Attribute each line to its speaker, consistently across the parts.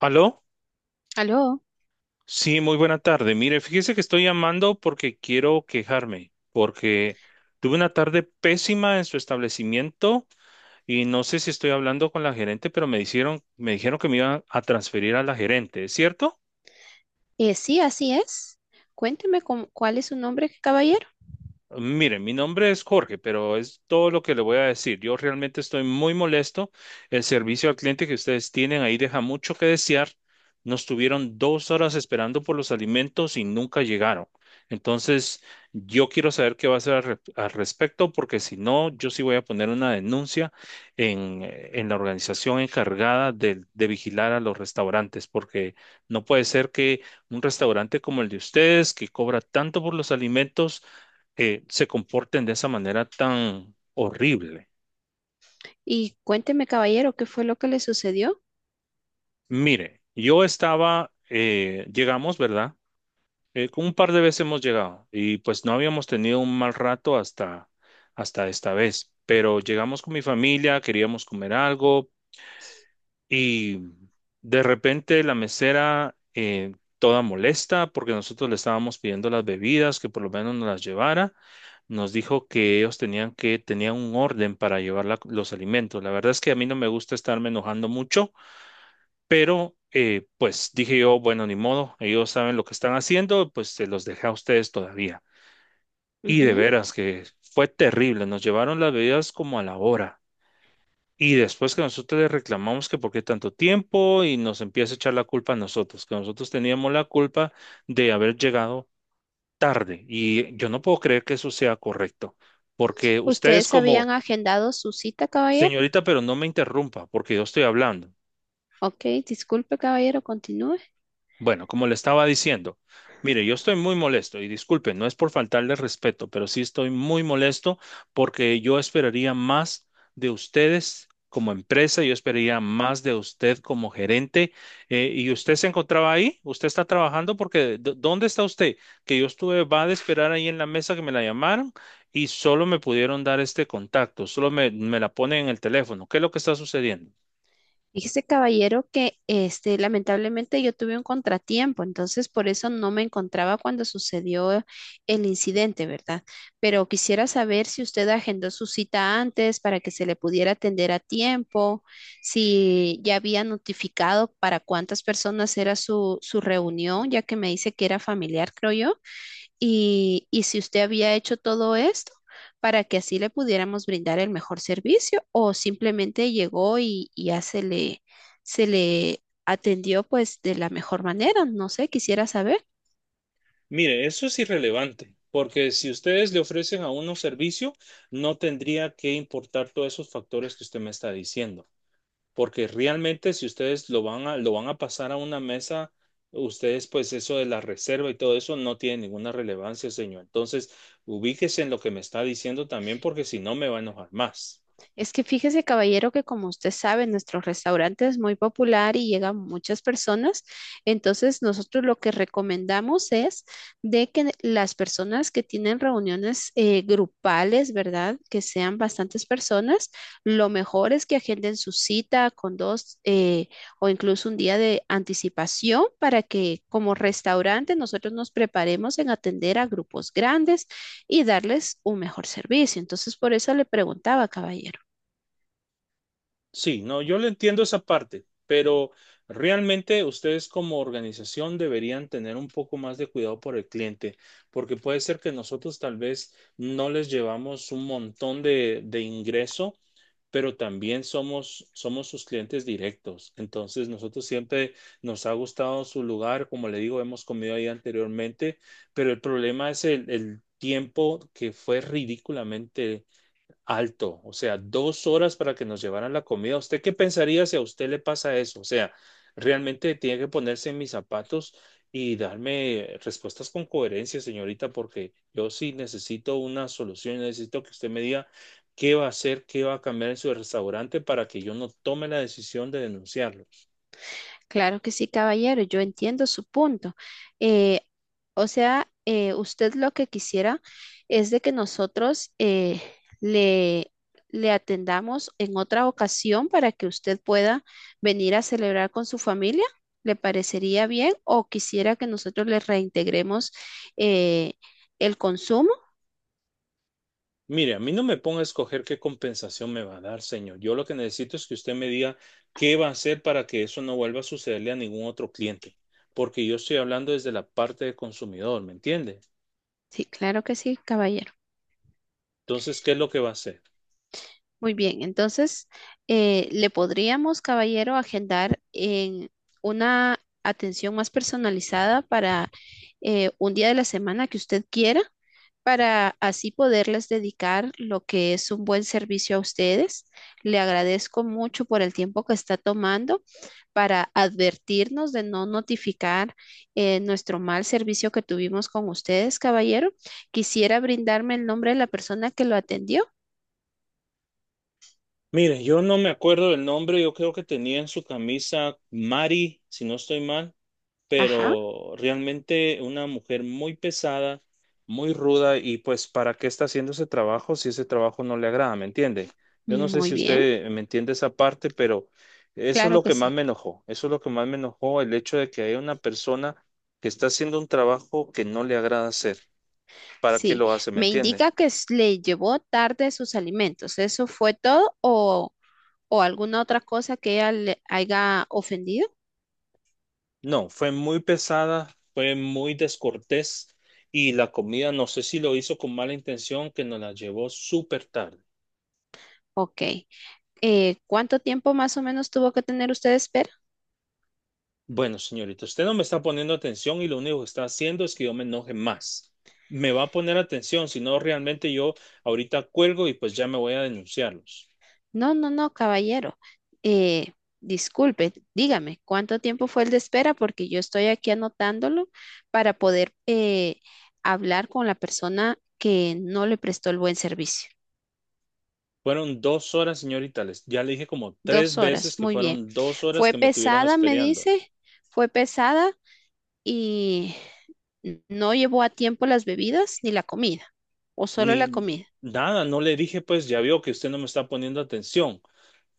Speaker 1: ¿Aló?
Speaker 2: Aló,
Speaker 1: Sí, muy buena tarde. Mire, fíjese que estoy llamando porque quiero quejarme, porque tuve una tarde pésima en su establecimiento y no sé si estoy hablando con la gerente, pero me dijeron que me iban a transferir a la gerente, ¿es cierto?
Speaker 2: sí, así es. Cuénteme cómo- cuál es su nombre, caballero.
Speaker 1: Mire, mi nombre es Jorge, pero es todo lo que le voy a decir. Yo realmente estoy muy molesto. El servicio al cliente que ustedes tienen ahí deja mucho que desear. Nos tuvieron 2 horas esperando por los alimentos y nunca llegaron. Entonces, yo quiero saber qué va a hacer al respecto, porque si no, yo sí voy a poner una denuncia en, en la organización encargada de vigilar a los restaurantes, porque no puede ser que un restaurante como el de ustedes, que cobra tanto por los alimentos, se comporten de esa manera tan horrible.
Speaker 2: Y cuénteme, caballero, qué fue lo que le sucedió.
Speaker 1: Mire, llegamos, ¿verdad? Con un par de veces hemos llegado y pues no habíamos tenido un mal rato hasta esta vez, pero llegamos con mi familia, queríamos comer algo. Y de repente la mesera, toda molesta, porque nosotros le estábamos pidiendo las bebidas, que por lo menos nos las llevara, nos dijo que ellos tenían un orden para llevar los alimentos. La verdad es que a mí no me gusta estarme enojando mucho, pero pues dije yo, bueno, ni modo, ellos saben lo que están haciendo, pues se los dejé a ustedes todavía. Y de
Speaker 2: Ujú.
Speaker 1: veras que fue terrible, nos llevaron las bebidas como a la hora. Y después que nosotros le reclamamos que por qué tanto tiempo y nos empieza a echar la culpa a nosotros, que nosotros teníamos la culpa de haber llegado tarde. Y yo no puedo creer que eso sea correcto, porque
Speaker 2: ¿Ustedes habían agendado su cita, caballero?
Speaker 1: señorita, pero no me interrumpa, porque yo estoy hablando.
Speaker 2: Ok, disculpe, caballero, continúe.
Speaker 1: Bueno, como le estaba diciendo, mire, yo estoy muy molesto y disculpe, no es por faltarle respeto, pero sí estoy muy molesto porque yo esperaría más de ustedes como empresa, yo esperaría más de usted como gerente. ¿Y usted se encontraba ahí? ¿Usted está trabajando? Porque ¿dónde está usted? Que yo estuve, va de esperar ahí en la mesa que me la llamaron y solo me pudieron dar este contacto, solo me la ponen en el teléfono. ¿Qué es lo que está sucediendo?
Speaker 2: Fíjese, caballero, que este, lamentablemente yo tuve un contratiempo, entonces por eso no me encontraba cuando sucedió el incidente, ¿verdad? Pero quisiera saber si usted agendó su cita antes para que se le pudiera atender a tiempo, si ya había notificado para cuántas personas era su, su reunión, ya que me dice que era familiar, creo yo, y si usted había hecho todo esto para que así le pudiéramos brindar el mejor servicio o simplemente llegó y ya se le atendió pues de la mejor manera. No sé, quisiera saber.
Speaker 1: Mire, eso es irrelevante, porque si ustedes le ofrecen a uno servicio, no tendría que importar todos esos factores que usted me está diciendo, porque realmente si ustedes lo van a pasar a una mesa, ustedes pues eso de la reserva y todo eso no tiene ninguna relevancia, señor. Entonces, ubíquese en lo que me está diciendo también, porque si no me va a enojar más.
Speaker 2: Es que fíjese, caballero, que como usted sabe, nuestro restaurante es muy popular y llegan muchas personas. Entonces, nosotros lo que recomendamos es de que las personas que tienen reuniones grupales, ¿verdad? Que sean bastantes personas, lo mejor es que agenden su cita con 2 o incluso un día de anticipación para que como restaurante nosotros nos preparemos en atender a grupos grandes y darles un mejor servicio. Entonces, por eso le preguntaba, caballero.
Speaker 1: Sí, no, yo le entiendo esa parte, pero realmente ustedes como organización deberían tener un poco más de cuidado por el cliente, porque puede ser que nosotros tal vez no les llevamos un montón de ingreso, pero también somos sus clientes directos. Entonces, nosotros siempre nos ha gustado su lugar, como le digo, hemos comido ahí anteriormente, pero el problema es el tiempo que fue ridículamente alto, o sea, 2 horas para que nos llevaran la comida. ¿Usted qué pensaría si a usted le pasa eso? O sea, realmente tiene que ponerse en mis zapatos y darme respuestas con coherencia, señorita, porque yo sí necesito una solución, necesito que usted me diga qué va a hacer, qué va a cambiar en su restaurante para que yo no tome la decisión de denunciarlos.
Speaker 2: Claro que sí, caballero, yo entiendo su punto. Eh, o sea, usted lo que quisiera es de que nosotros le, le atendamos en otra ocasión para que usted pueda venir a celebrar con su familia. ¿Le parecería bien o quisiera que nosotros le reintegremos eh, el consumo?
Speaker 1: Mire, a mí no me ponga a escoger qué compensación me va a dar, señor. Yo lo que necesito es que usted me diga qué va a hacer para que eso no vuelva a sucederle a ningún otro cliente, porque yo estoy hablando desde la parte de consumidor, ¿me entiende?
Speaker 2: Sí, claro que sí, caballero.
Speaker 1: Entonces, ¿qué es lo que va a hacer?
Speaker 2: Muy bien, entonces le podríamos, caballero, agendar en una atención más personalizada para un día de la semana que usted quiera, para así poderles dedicar lo que es un buen servicio a ustedes. Le agradezco mucho por el tiempo que está tomando para advertirnos de no notificar nuestro mal servicio que tuvimos con ustedes, caballero. Quisiera brindarme el nombre de la persona que lo atendió.
Speaker 1: Mire, yo no me acuerdo del nombre, yo creo que tenía en su camisa Mari, si no estoy mal.
Speaker 2: Ajá.
Speaker 1: Pero realmente una mujer muy pesada, muy ruda y pues ¿para qué está haciendo ese trabajo si ese trabajo no le agrada? ¿Me entiende? Yo no sé
Speaker 2: Muy
Speaker 1: si
Speaker 2: bien,
Speaker 1: usted me entiende esa parte, pero eso es
Speaker 2: claro
Speaker 1: lo
Speaker 2: que
Speaker 1: que más
Speaker 2: sí.
Speaker 1: me enojó, eso es lo que más me enojó, el hecho de que haya una persona que está haciendo un trabajo que no le agrada hacer. ¿Para qué
Speaker 2: Sí,
Speaker 1: lo hace? ¿Me
Speaker 2: me
Speaker 1: entiende?
Speaker 2: indica que s- le llevó tarde sus alimentos. ¿Eso fue todo o alguna otra cosa que ella le haya ofendido?
Speaker 1: No, fue muy pesada, fue muy descortés y la comida, no sé si lo hizo con mala intención, que nos la llevó súper tarde.
Speaker 2: Ok. ¿Cuánto tiempo más o menos tuvo que tener usted de espera?
Speaker 1: Bueno, señorita, usted no me está poniendo atención y lo único que está haciendo es que yo me enoje más. Me va a poner atención, si no, realmente yo ahorita cuelgo y pues ya me voy a denunciarlos.
Speaker 2: No, no, no, caballero. Eh, disculpe, dígame, ¿cuánto tiempo fue el de espera? Porque yo estoy aquí anotándolo para poder hablar con la persona que no le prestó el buen servicio.
Speaker 1: Fueron 2 horas, señorita, les, ya le dije como tres
Speaker 2: Dos
Speaker 1: veces
Speaker 2: horas,
Speaker 1: que
Speaker 2: muy bien.
Speaker 1: fueron 2 horas
Speaker 2: Fue
Speaker 1: que me tuvieron
Speaker 2: pesada, me
Speaker 1: esperando.
Speaker 2: dice, fue pesada y no llevó a tiempo las bebidas ni la comida, o solo la
Speaker 1: Ni
Speaker 2: comida.
Speaker 1: nada, no le dije, pues ya vio que usted no me está poniendo atención.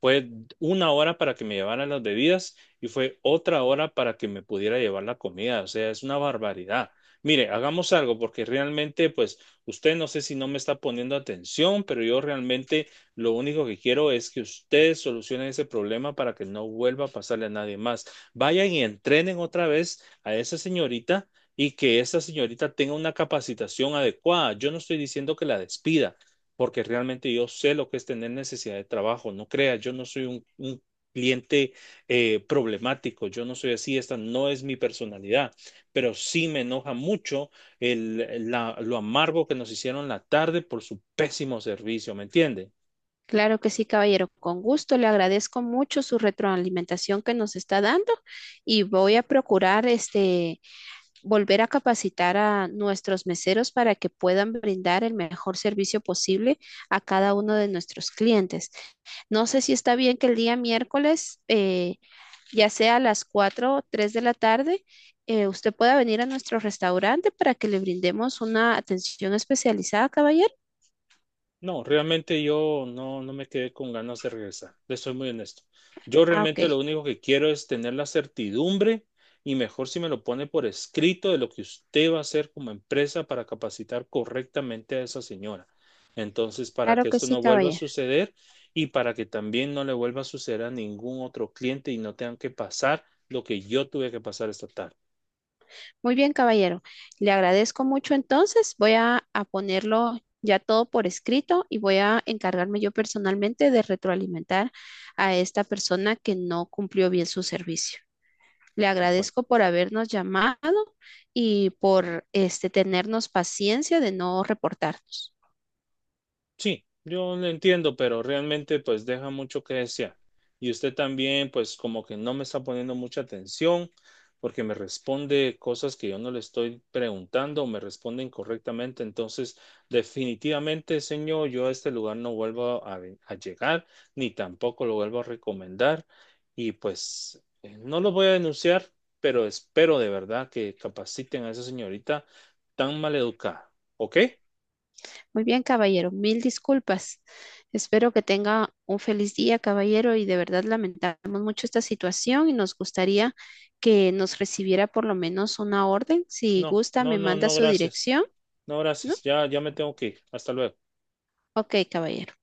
Speaker 1: Fue 1 hora para que me llevaran las bebidas y fue otra hora para que me pudiera llevar la comida. O sea, es una barbaridad. Mire, hagamos algo porque realmente, pues, usted no sé si no me está poniendo atención, pero yo realmente lo único que quiero es que usted solucione ese problema para que no vuelva a pasarle a nadie más. Vayan y entrenen otra vez a esa señorita y que esa señorita tenga una capacitación adecuada. Yo no estoy diciendo que la despida porque realmente yo sé lo que es tener necesidad de trabajo. No creas, yo no soy un cliente problemático, yo no soy así, esta no es mi personalidad, pero sí me enoja mucho lo amargo que nos hicieron la tarde por su pésimo servicio, ¿me entiende?
Speaker 2: Claro que sí, caballero, con gusto. Le agradezco mucho su retroalimentación que nos está dando y voy a procurar este volver a capacitar a nuestros meseros para que puedan brindar el mejor servicio posible a cada uno de nuestros clientes. No sé si está bien que el día miércoles ya sea a las 4 o 3 de la tarde, usted pueda venir a nuestro restaurante para que le brindemos una atención especializada, caballero.
Speaker 1: No, realmente yo no, no me quedé con ganas de regresar, le soy muy honesto. Yo
Speaker 2: Ah, ok,
Speaker 1: realmente lo único que quiero es tener la certidumbre y mejor si me lo pone por escrito de lo que usted va a hacer como empresa para capacitar correctamente a esa señora. Entonces, para que
Speaker 2: claro que
Speaker 1: esto
Speaker 2: sí,
Speaker 1: no vuelva a
Speaker 2: caballero.
Speaker 1: suceder y para que también no le vuelva a suceder a ningún otro cliente y no tengan que pasar lo que yo tuve que pasar esta tarde.
Speaker 2: Muy bien, caballero. Le agradezco mucho entonces. Voy a ponerlo ya todo por escrito y voy a encargarme yo personalmente de retroalimentar a esta persona que no cumplió bien su servicio. Le
Speaker 1: Bueno.
Speaker 2: agradezco por habernos llamado y por este tenernos paciencia de no reportarnos.
Speaker 1: Sí, yo lo entiendo, pero realmente pues deja mucho que desear. Y usted también pues como que no me está poniendo mucha atención porque me responde cosas que yo no le estoy preguntando o me responde incorrectamente. Entonces, definitivamente, señor, yo a este lugar no vuelvo a llegar ni tampoco lo vuelvo a recomendar. Y pues no lo voy a denunciar, pero espero de verdad que capaciten a esa señorita tan maleducada. ¿Ok?
Speaker 2: Muy bien, caballero, mil disculpas. Espero que tenga un feliz día, caballero, y de verdad lamentamos mucho esta situación y nos gustaría que nos recibiera por lo menos una orden. Si
Speaker 1: No,
Speaker 2: gusta,
Speaker 1: no,
Speaker 2: me
Speaker 1: no,
Speaker 2: manda
Speaker 1: no,
Speaker 2: su
Speaker 1: gracias.
Speaker 2: dirección,
Speaker 1: No,
Speaker 2: ¿no?
Speaker 1: gracias. Ya me tengo que ir. Hasta luego.
Speaker 2: Ok, caballero.